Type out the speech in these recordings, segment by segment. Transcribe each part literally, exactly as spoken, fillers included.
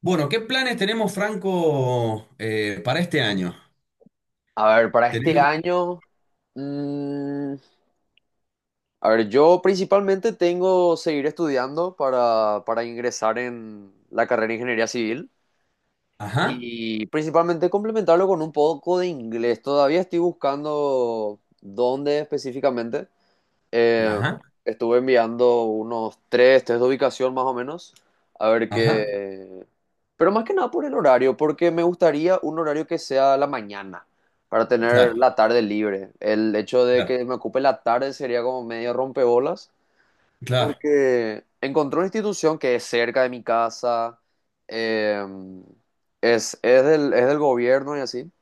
Bueno, ¿qué planes tenemos, Franco, eh, para este año? A ver, para este Tenemos- año, mm, a ver, yo principalmente tengo seguir estudiando para, para ingresar en la carrera de ingeniería civil Ajá, y principalmente complementarlo con un poco de inglés. Todavía estoy buscando dónde específicamente, eh, ajá, estuve enviando unos tres test de ubicación más o menos, a ver ajá. qué... Pero más que nada por el horario, porque me gustaría un horario que sea la mañana, para tener Claro, la tarde libre. El hecho de claro, que me ocupe la tarde sería como medio rompebolas, claro. porque encontré una institución que es cerca de mi casa, eh, es, es del, es del gobierno y así.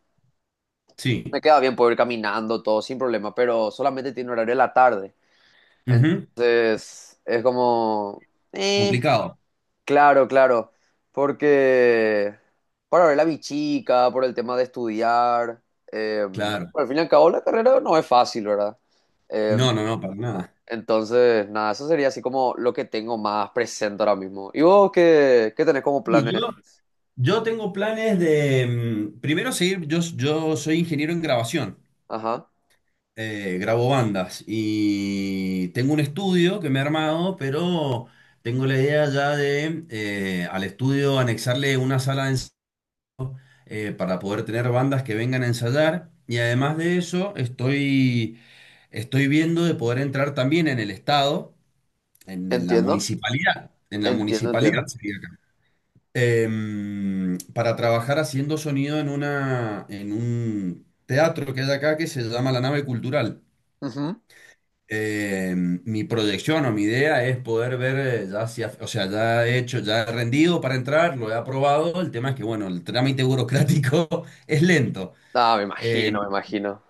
Me Sí. queda bien poder ir caminando, todo sin problema, pero solamente tiene horario en la tarde. Ujú. Entonces, es como, eh, Complicado. claro, claro, porque para ver a mi chica, por el tema de estudiar, eh, bueno, Claro. al fin y al cabo la carrera no es fácil, ¿verdad? Eh, No, no, no, para nada. entonces, nada, eso sería así como lo que tengo más presente ahora mismo. ¿Y vos qué, qué tenés como Y planes? yo, yo tengo planes de, mm, primero seguir, yo, yo soy ingeniero en grabación. Ajá, eh, Grabo bandas y tengo un estudio que me he armado, pero tengo la idea ya de eh, al estudio anexarle una sala de eh, para poder tener bandas que vengan a ensayar. Y además de eso, estoy, estoy viendo de poder entrar también en el Estado, en, en la entiendo, municipalidad, en la entiendo, municipalidad entiendo. sería acá, em, para trabajar haciendo sonido en una, en un teatro que hay acá que se llama La Nave Cultural. Ujú. Em, mi proyección o mi idea es poder ver, eh, ya si af- o sea, ya he hecho, ya he rendido para entrar, lo he aprobado. El tema es que, bueno, el trámite burocrático es lento. Ah, me Eh, imagino, me imagino.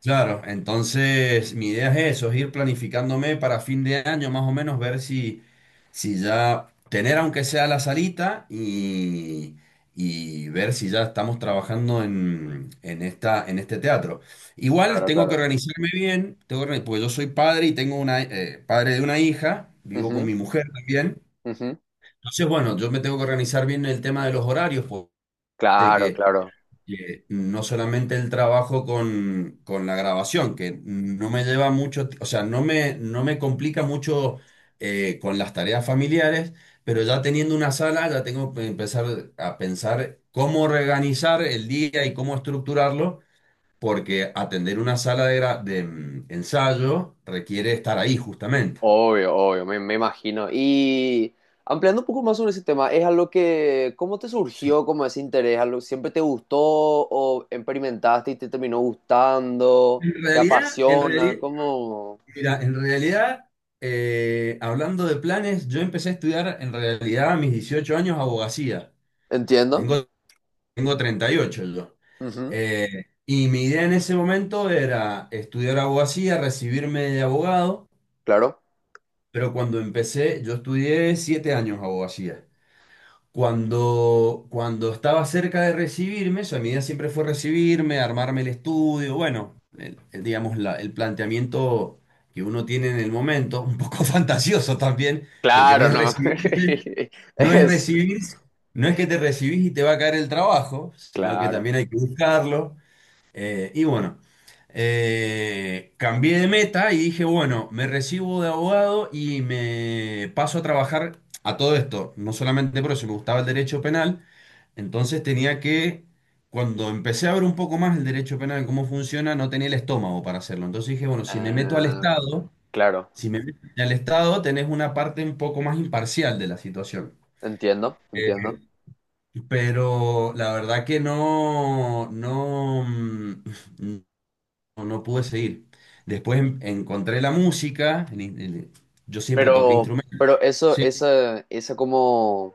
Claro, entonces mi idea es eso, es ir planificándome para fin de año más o menos, ver si, si ya tener aunque sea la salita y, y ver si ya estamos trabajando en, en esta, en este teatro. Igual Claro, tengo que claro. organizarme bien, tengo que organi- porque yo soy padre y tengo una, eh, padre de una hija, vivo con Ujú, mi mujer también. ujú. Entonces, bueno, yo me tengo que organizar bien el tema de los horarios, pues, de Claro, que claro. eh, no solamente el trabajo con, con la grabación, que no me lleva mucho, ti- o sea, no me, no me complica mucho eh, con las tareas familiares, pero ya teniendo una sala, ya tengo que empezar a pensar cómo organizar el día y cómo estructurarlo, porque atender una sala de, gra- de mm, ensayo requiere estar ahí justamente. Obvio, obvio, me, me imagino. Y ampliando un poco más sobre ese tema, ¿es algo que, cómo te surgió como ese interés? ¿Algo siempre te gustó o experimentaste y te terminó gustando? En ¿Te realidad, en apasiona? realidad, ¿Cómo? Mira, en realidad, eh, hablando de planes, yo empecé a estudiar en realidad a mis dieciocho años abogacía. Entiendo. Tengo, tengo treinta y ocho yo. Ujú, Eh, y mi idea en ese momento era estudiar abogacía, recibirme de abogado, claro. pero cuando empecé, yo estudié siete años abogacía. Cuando, cuando estaba cerca de recibirme, o sea, mi idea siempre fue recibirme, armarme el estudio, bueno, el- el, digamos, la- el planteamiento que uno tiene en el momento, un poco fantasioso también, porque no Claro, es no. recibir, no es Es, recibir, no es que te recibís y te va a caer el trabajo, sino que claro. también hay que buscarlo. Eh, y bueno, eh, cambié de meta y dije, bueno, me recibo de abogado y me paso a trabajar a todo esto, no solamente por eso, me gustaba el derecho penal, entonces tenía que, cuando empecé a ver un poco más el derecho penal, cómo funciona, no tenía el estómago para hacerlo. Entonces dije, bueno, si me meto al Ah, Estado, claro. si me meto al Estado, tenés una parte un poco más imparcial de la situación. Entiendo, Eh, entiendo. pero la verdad que no, no, mm, no, no pude seguir. Después en- encontré la música, el in- el- yo siempre toqué Pero, instrumentos. pero eso, Sí, esa, esa como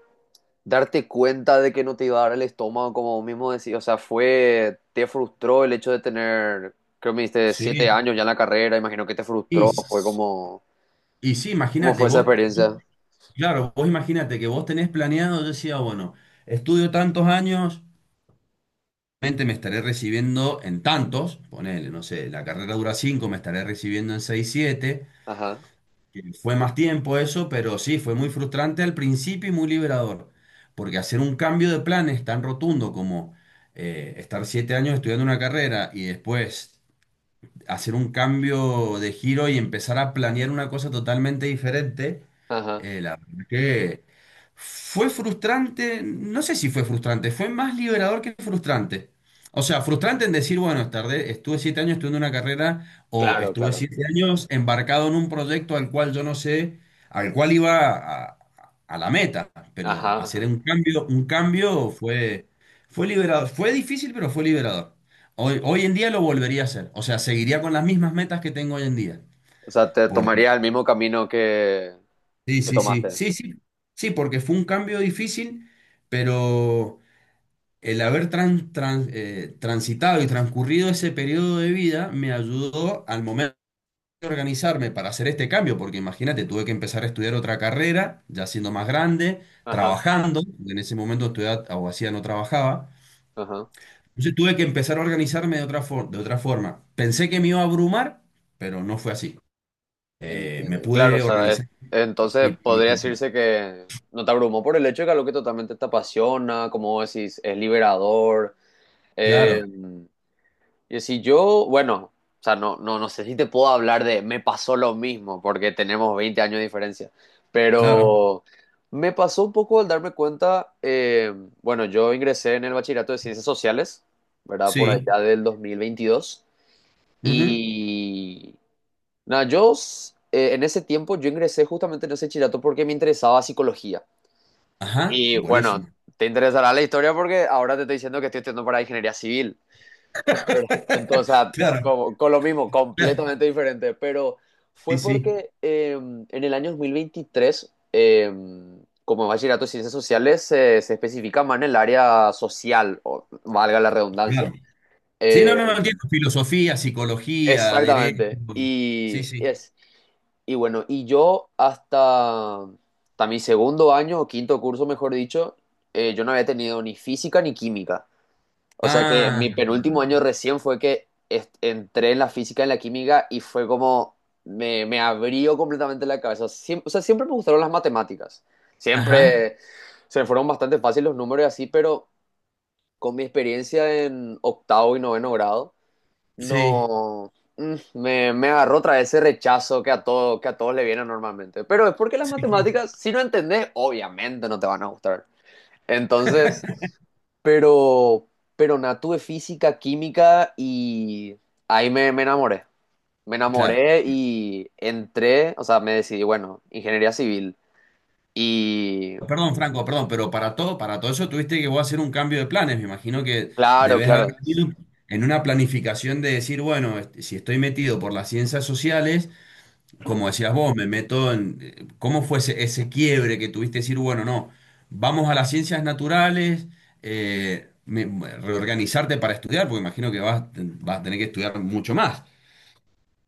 darte cuenta de que no te iba a dar el estómago, como vos mismo decís, o sea, fue, te frustró el hecho de tener, creo que me dijiste, siete sí. años ya en la carrera, imagino que te Y, frustró, fue s- como, y sí, ¿cómo imagínate, fue esa vos. experiencia? Claro, vos imagínate que vos tenés planeado, yo decía, bueno, estudio tantos años, mente me estaré recibiendo en tantos, ponele, no sé, la carrera dura cinco, me estaré recibiendo en seis, siete, Ajá, que fue más tiempo eso, pero sí, fue muy frustrante al principio y muy liberador, porque hacer un cambio de planes tan rotundo como eh, estar siete años estudiando una carrera y después hacer un cambio de giro y empezar a planear una cosa totalmente diferente. ajá, Eh, la verdad que fue frustrante, no sé si fue frustrante, fue más liberador que frustrante. O sea, frustrante en decir, bueno, tardé, estuve siete años estudiando una carrera o estuve siete años embarcado en un proyecto al cual yo no sé, al cual iba a, a la meta, pero ajá, hacer ajá. un cambio, un cambio fue, fue liberador, fue difícil, pero fue liberador. Hoy, hoy en día lo volvería a hacer. O sea, seguiría con las mismas metas que tengo hoy en día. O sea, te Porque, tomaría el mismo camino que, sí, que sí, sí, tomaste. sí, sí, sí, porque fue un cambio difícil, pero el haber tran- tran- eh, transitado y transcurrido ese periodo de vida me ayudó al momento de organizarme para hacer este cambio, porque imagínate, tuve que empezar a estudiar otra carrera, ya siendo más grande, Ajá, trabajando, porque en ese momento estudiaba abogacía, no trabajaba. ajá. Entonces tuve que empezar a organizarme de otra for- de otra forma. Pensé que me iba a abrumar, pero no fue así. Eh, me Entiende. Claro, o pude sí, sí, sea, es- organizar y entonces podría planificar. decirse que no te abrumó por el hecho de que algo que totalmente te apasiona, como vos decís, es liberador. Eh, Claro, y si yo, bueno, o sea, no, no, no sé si te puedo hablar de me pasó lo mismo, porque tenemos veinte años de diferencia, claro, pero me pasó un poco al darme cuenta, eh, bueno, yo ingresé en el bachillerato de ciencias sociales, ¿verdad? Por sí. allá del dos mil veintidós. Ujú, Y nada, yo s- eh, en ese tiempo yo ingresé justamente en ese chillato porque me interesaba psicología. ajá, Y bueno, buenísimo. te interesará la historia porque ahora te estoy diciendo que estoy estudiando para ingeniería civil, ¿verdad? Entonces, Claro, como- con lo mismo, claro, completamente diferente. Pero sí, fue sí, porque eh, en el año dos mil veintitrés, eh, como bachillerato de ciencias sociales, se se especifica más en el área social, o valga la redundancia. claro. Sí, no, Eh, no, no entiendo. Filosofía, psicología, derecho. exactamente. Sí, Y sí. es. Y bueno, y yo hasta, hasta mi segundo año o quinto curso, mejor dicho, eh, yo no había tenido ni física ni química. O sea que en Ah, mi penúltimo año recién fue que est- entré en la física y en la química y fue como me, me abrió completamente la cabeza. Siem- o sea, siempre me gustaron las matemáticas. ajá, Siempre se me fueron bastante fáciles los números y así, pero con mi experiencia en octavo y noveno grado sí, no, mm, me, me agarró otra vez ese rechazo que a todo, que a todos le viene normalmente. Pero es porque las sí, sí, matemáticas, si no entendés, obviamente no te van a gustar. Entonces, pero, pero nada, tuve física, química y ahí me, me enamoré. Me claro. enamoré y entré, o sea, me decidí, bueno, ingeniería civil. Y Perdón, Franco, perdón, pero para todo, para todo eso tuviste que vos hacer un cambio de planes. Me imagino que claro, debes haber claro. venido en una planificación de decir, bueno, este, si estoy metido por las ciencias sociales, como decías vos, me meto en cómo fue ese, ese quiebre que tuviste decir, bueno, no, vamos a las ciencias naturales, eh, me- reorganizarte para estudiar, porque imagino que vas, vas a tener que estudiar mucho más.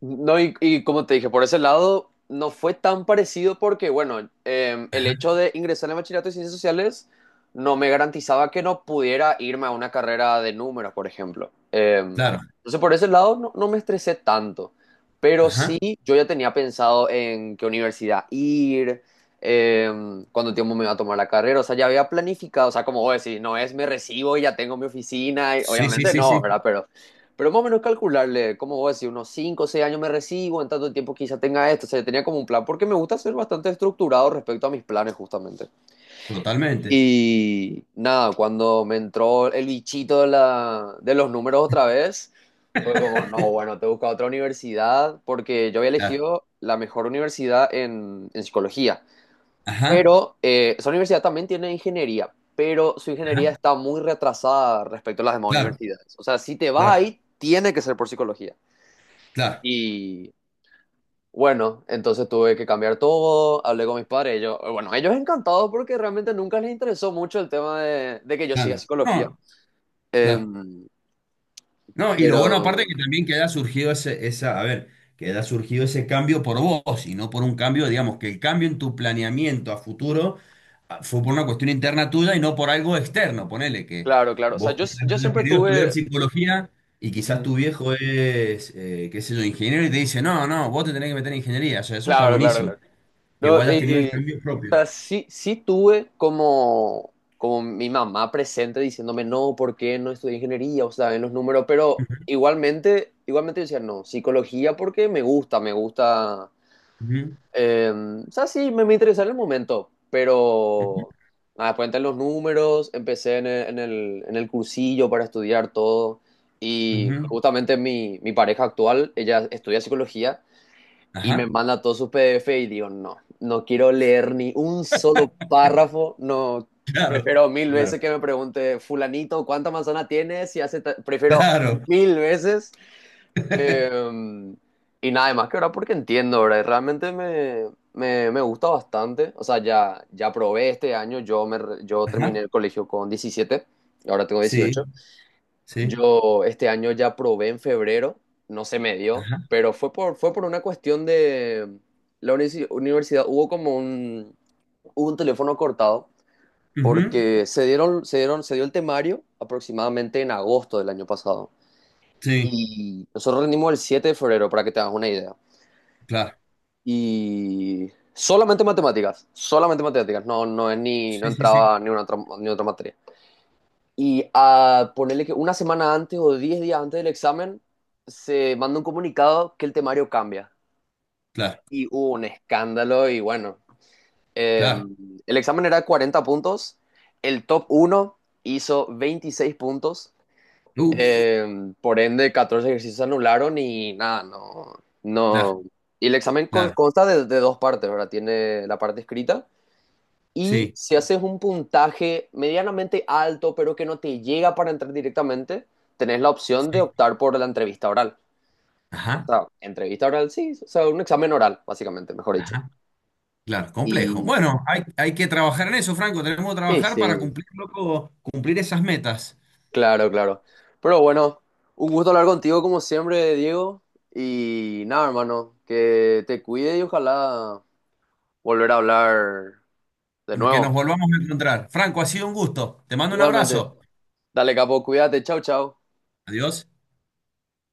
No, y, y como te dije, por ese lado no fue tan parecido porque, bueno, eh, el hecho de ingresar en bachillerato de ciencias sociales no me garantizaba que no pudiera irme a una carrera de números, por ejemplo. Eh, Claro. entonces, por ese lado no, no me estresé tanto, pero sí Ajá. yo ya tenía pensado en qué universidad ir, eh, cuánto tiempo me iba a tomar la carrera, o sea, ya había planificado, o sea, como vos decís, no es me recibo y ya tengo mi oficina, y Sí, sí, obviamente sí, no, sí. ¿verdad? Pero pero más o menos calcularle, como vos decís, unos cinco o seis años me recibo, en tanto tiempo quizá tenga esto. O sea, yo tenía como un plan, porque me gusta ser bastante estructurado respecto a mis planes, justamente. Totalmente. Y nada, cuando me entró el bichito de, la, de los números otra vez, fue como, no, bueno, te busco otra universidad, porque yo había Claro. elegido la mejor universidad en, en psicología. Ajá. Pero eh, esa universidad también tiene ingeniería, pero su Ajá. ingeniería está muy retrasada respecto a las demás Claro, universidades. O sea, si te vas claro, ahí, tiene que ser por psicología. claro, Y bueno, entonces tuve que cambiar todo, hablé con mis padres, ellos, bueno, ellos encantados porque realmente nunca les interesó mucho el tema de, de que yo siga claro. psicología. No, claro. Em, No, y lo bueno aparte es pero, que también que haya surgido ese, esa, a ver, que haya surgido ese cambio por vos y no por un cambio, digamos, que el cambio en tu planeamiento a futuro fue por una cuestión interna tuya y no por algo externo. Ponele que claro, claro, o sea, vos yo, quizás yo hayas siempre querido estudiar tuve, psicología y quizás ujú, tu viejo es, eh, qué sé yo, ingeniero y te dice, no, no, vos te tenés que meter en ingeniería. O sea, eso está claro, claro, buenísimo. claro. Que No, vos hayas tenido y, el o cambio propio. sea, sí, sí tuve como, como mi mamá presente diciéndome, no, ¿por qué no estudié ingeniería? O sea, en los números, pero igualmente, igualmente yo decía, no, psicología porque me gusta, me gusta. Ujú, Eh, o sea, sí, me, me interesaba en el momento, ujú, pero nada, después entré en los números, empecé en el, en el, en el cursillo para estudiar todo y ujú. justamente mi, mi pareja actual, ella estudia psicología y me Ajá, manda todos sus P D F y digo, no, no quiero leer ni un solo párrafo, no, claro, prefiero mil claro, veces que me pregunte fulanito cuánta manzana tienes y hace, ta-?". Prefiero claro. mil veces. Em, y nada más que ahora porque entiendo, ahora realmente me, me, me gusta bastante. O sea, ya, ya probé este año, yo, me, re- yo terminé Ajá, el colegio con diecisiete y ahora tengo sí, dieciocho. sí, Yo este año ya probé en febrero, no se me dio, ajá, pero fue por, fue por una cuestión de la unici- universidad. Hubo como un, hubo un teléfono cortado ujú, porque se dieron, se dieron, se dio el temario aproximadamente en agosto del año pasado. sí, Y nosotros rendimos el siete de febrero, para que te hagas una idea. claro, Y solamente matemáticas, solamente matemáticas, no, no, es ni, no sí, sí, sí, entraba ni una otra, ni otra materia. Y a ponerle que una semana antes o diez días antes del examen se manda un comunicado que el temario cambia. claro, Y hubo un escándalo y bueno, eh, claro, el examen era de cuarenta puntos, el top uno hizo veintiséis puntos, uf, eh, por ende, catorce ejercicios se anularon y nada, no, claro, no. Y el examen con- claro, consta de, de dos partes, ¿verdad? Tiene la parte escrita y sí, si haces un puntaje medianamente alto, pero que no te llega para entrar directamente, tenés la opción de sí, optar por la entrevista oral. O ajá, sea, entrevista oral, sí, o sea, un examen oral, básicamente, mejor dicho. ajá. Claro, complejo. Y, Bueno, hay, hay que trabajar en eso, Franco. Tenemos que y trabajar para sí, cumplir, loco, cumplir esas metas. claro, claro. Pero bueno, un gusto hablar contigo como siempre, Diego. Y nada, hermano, que te cuide y ojalá volver a hablar de Que nuevo. nos volvamos a encontrar. Franco, ha sido un gusto. Te mando un Igualmente. abrazo. Dale, capo, cuídate. Chau, chau. Adiós.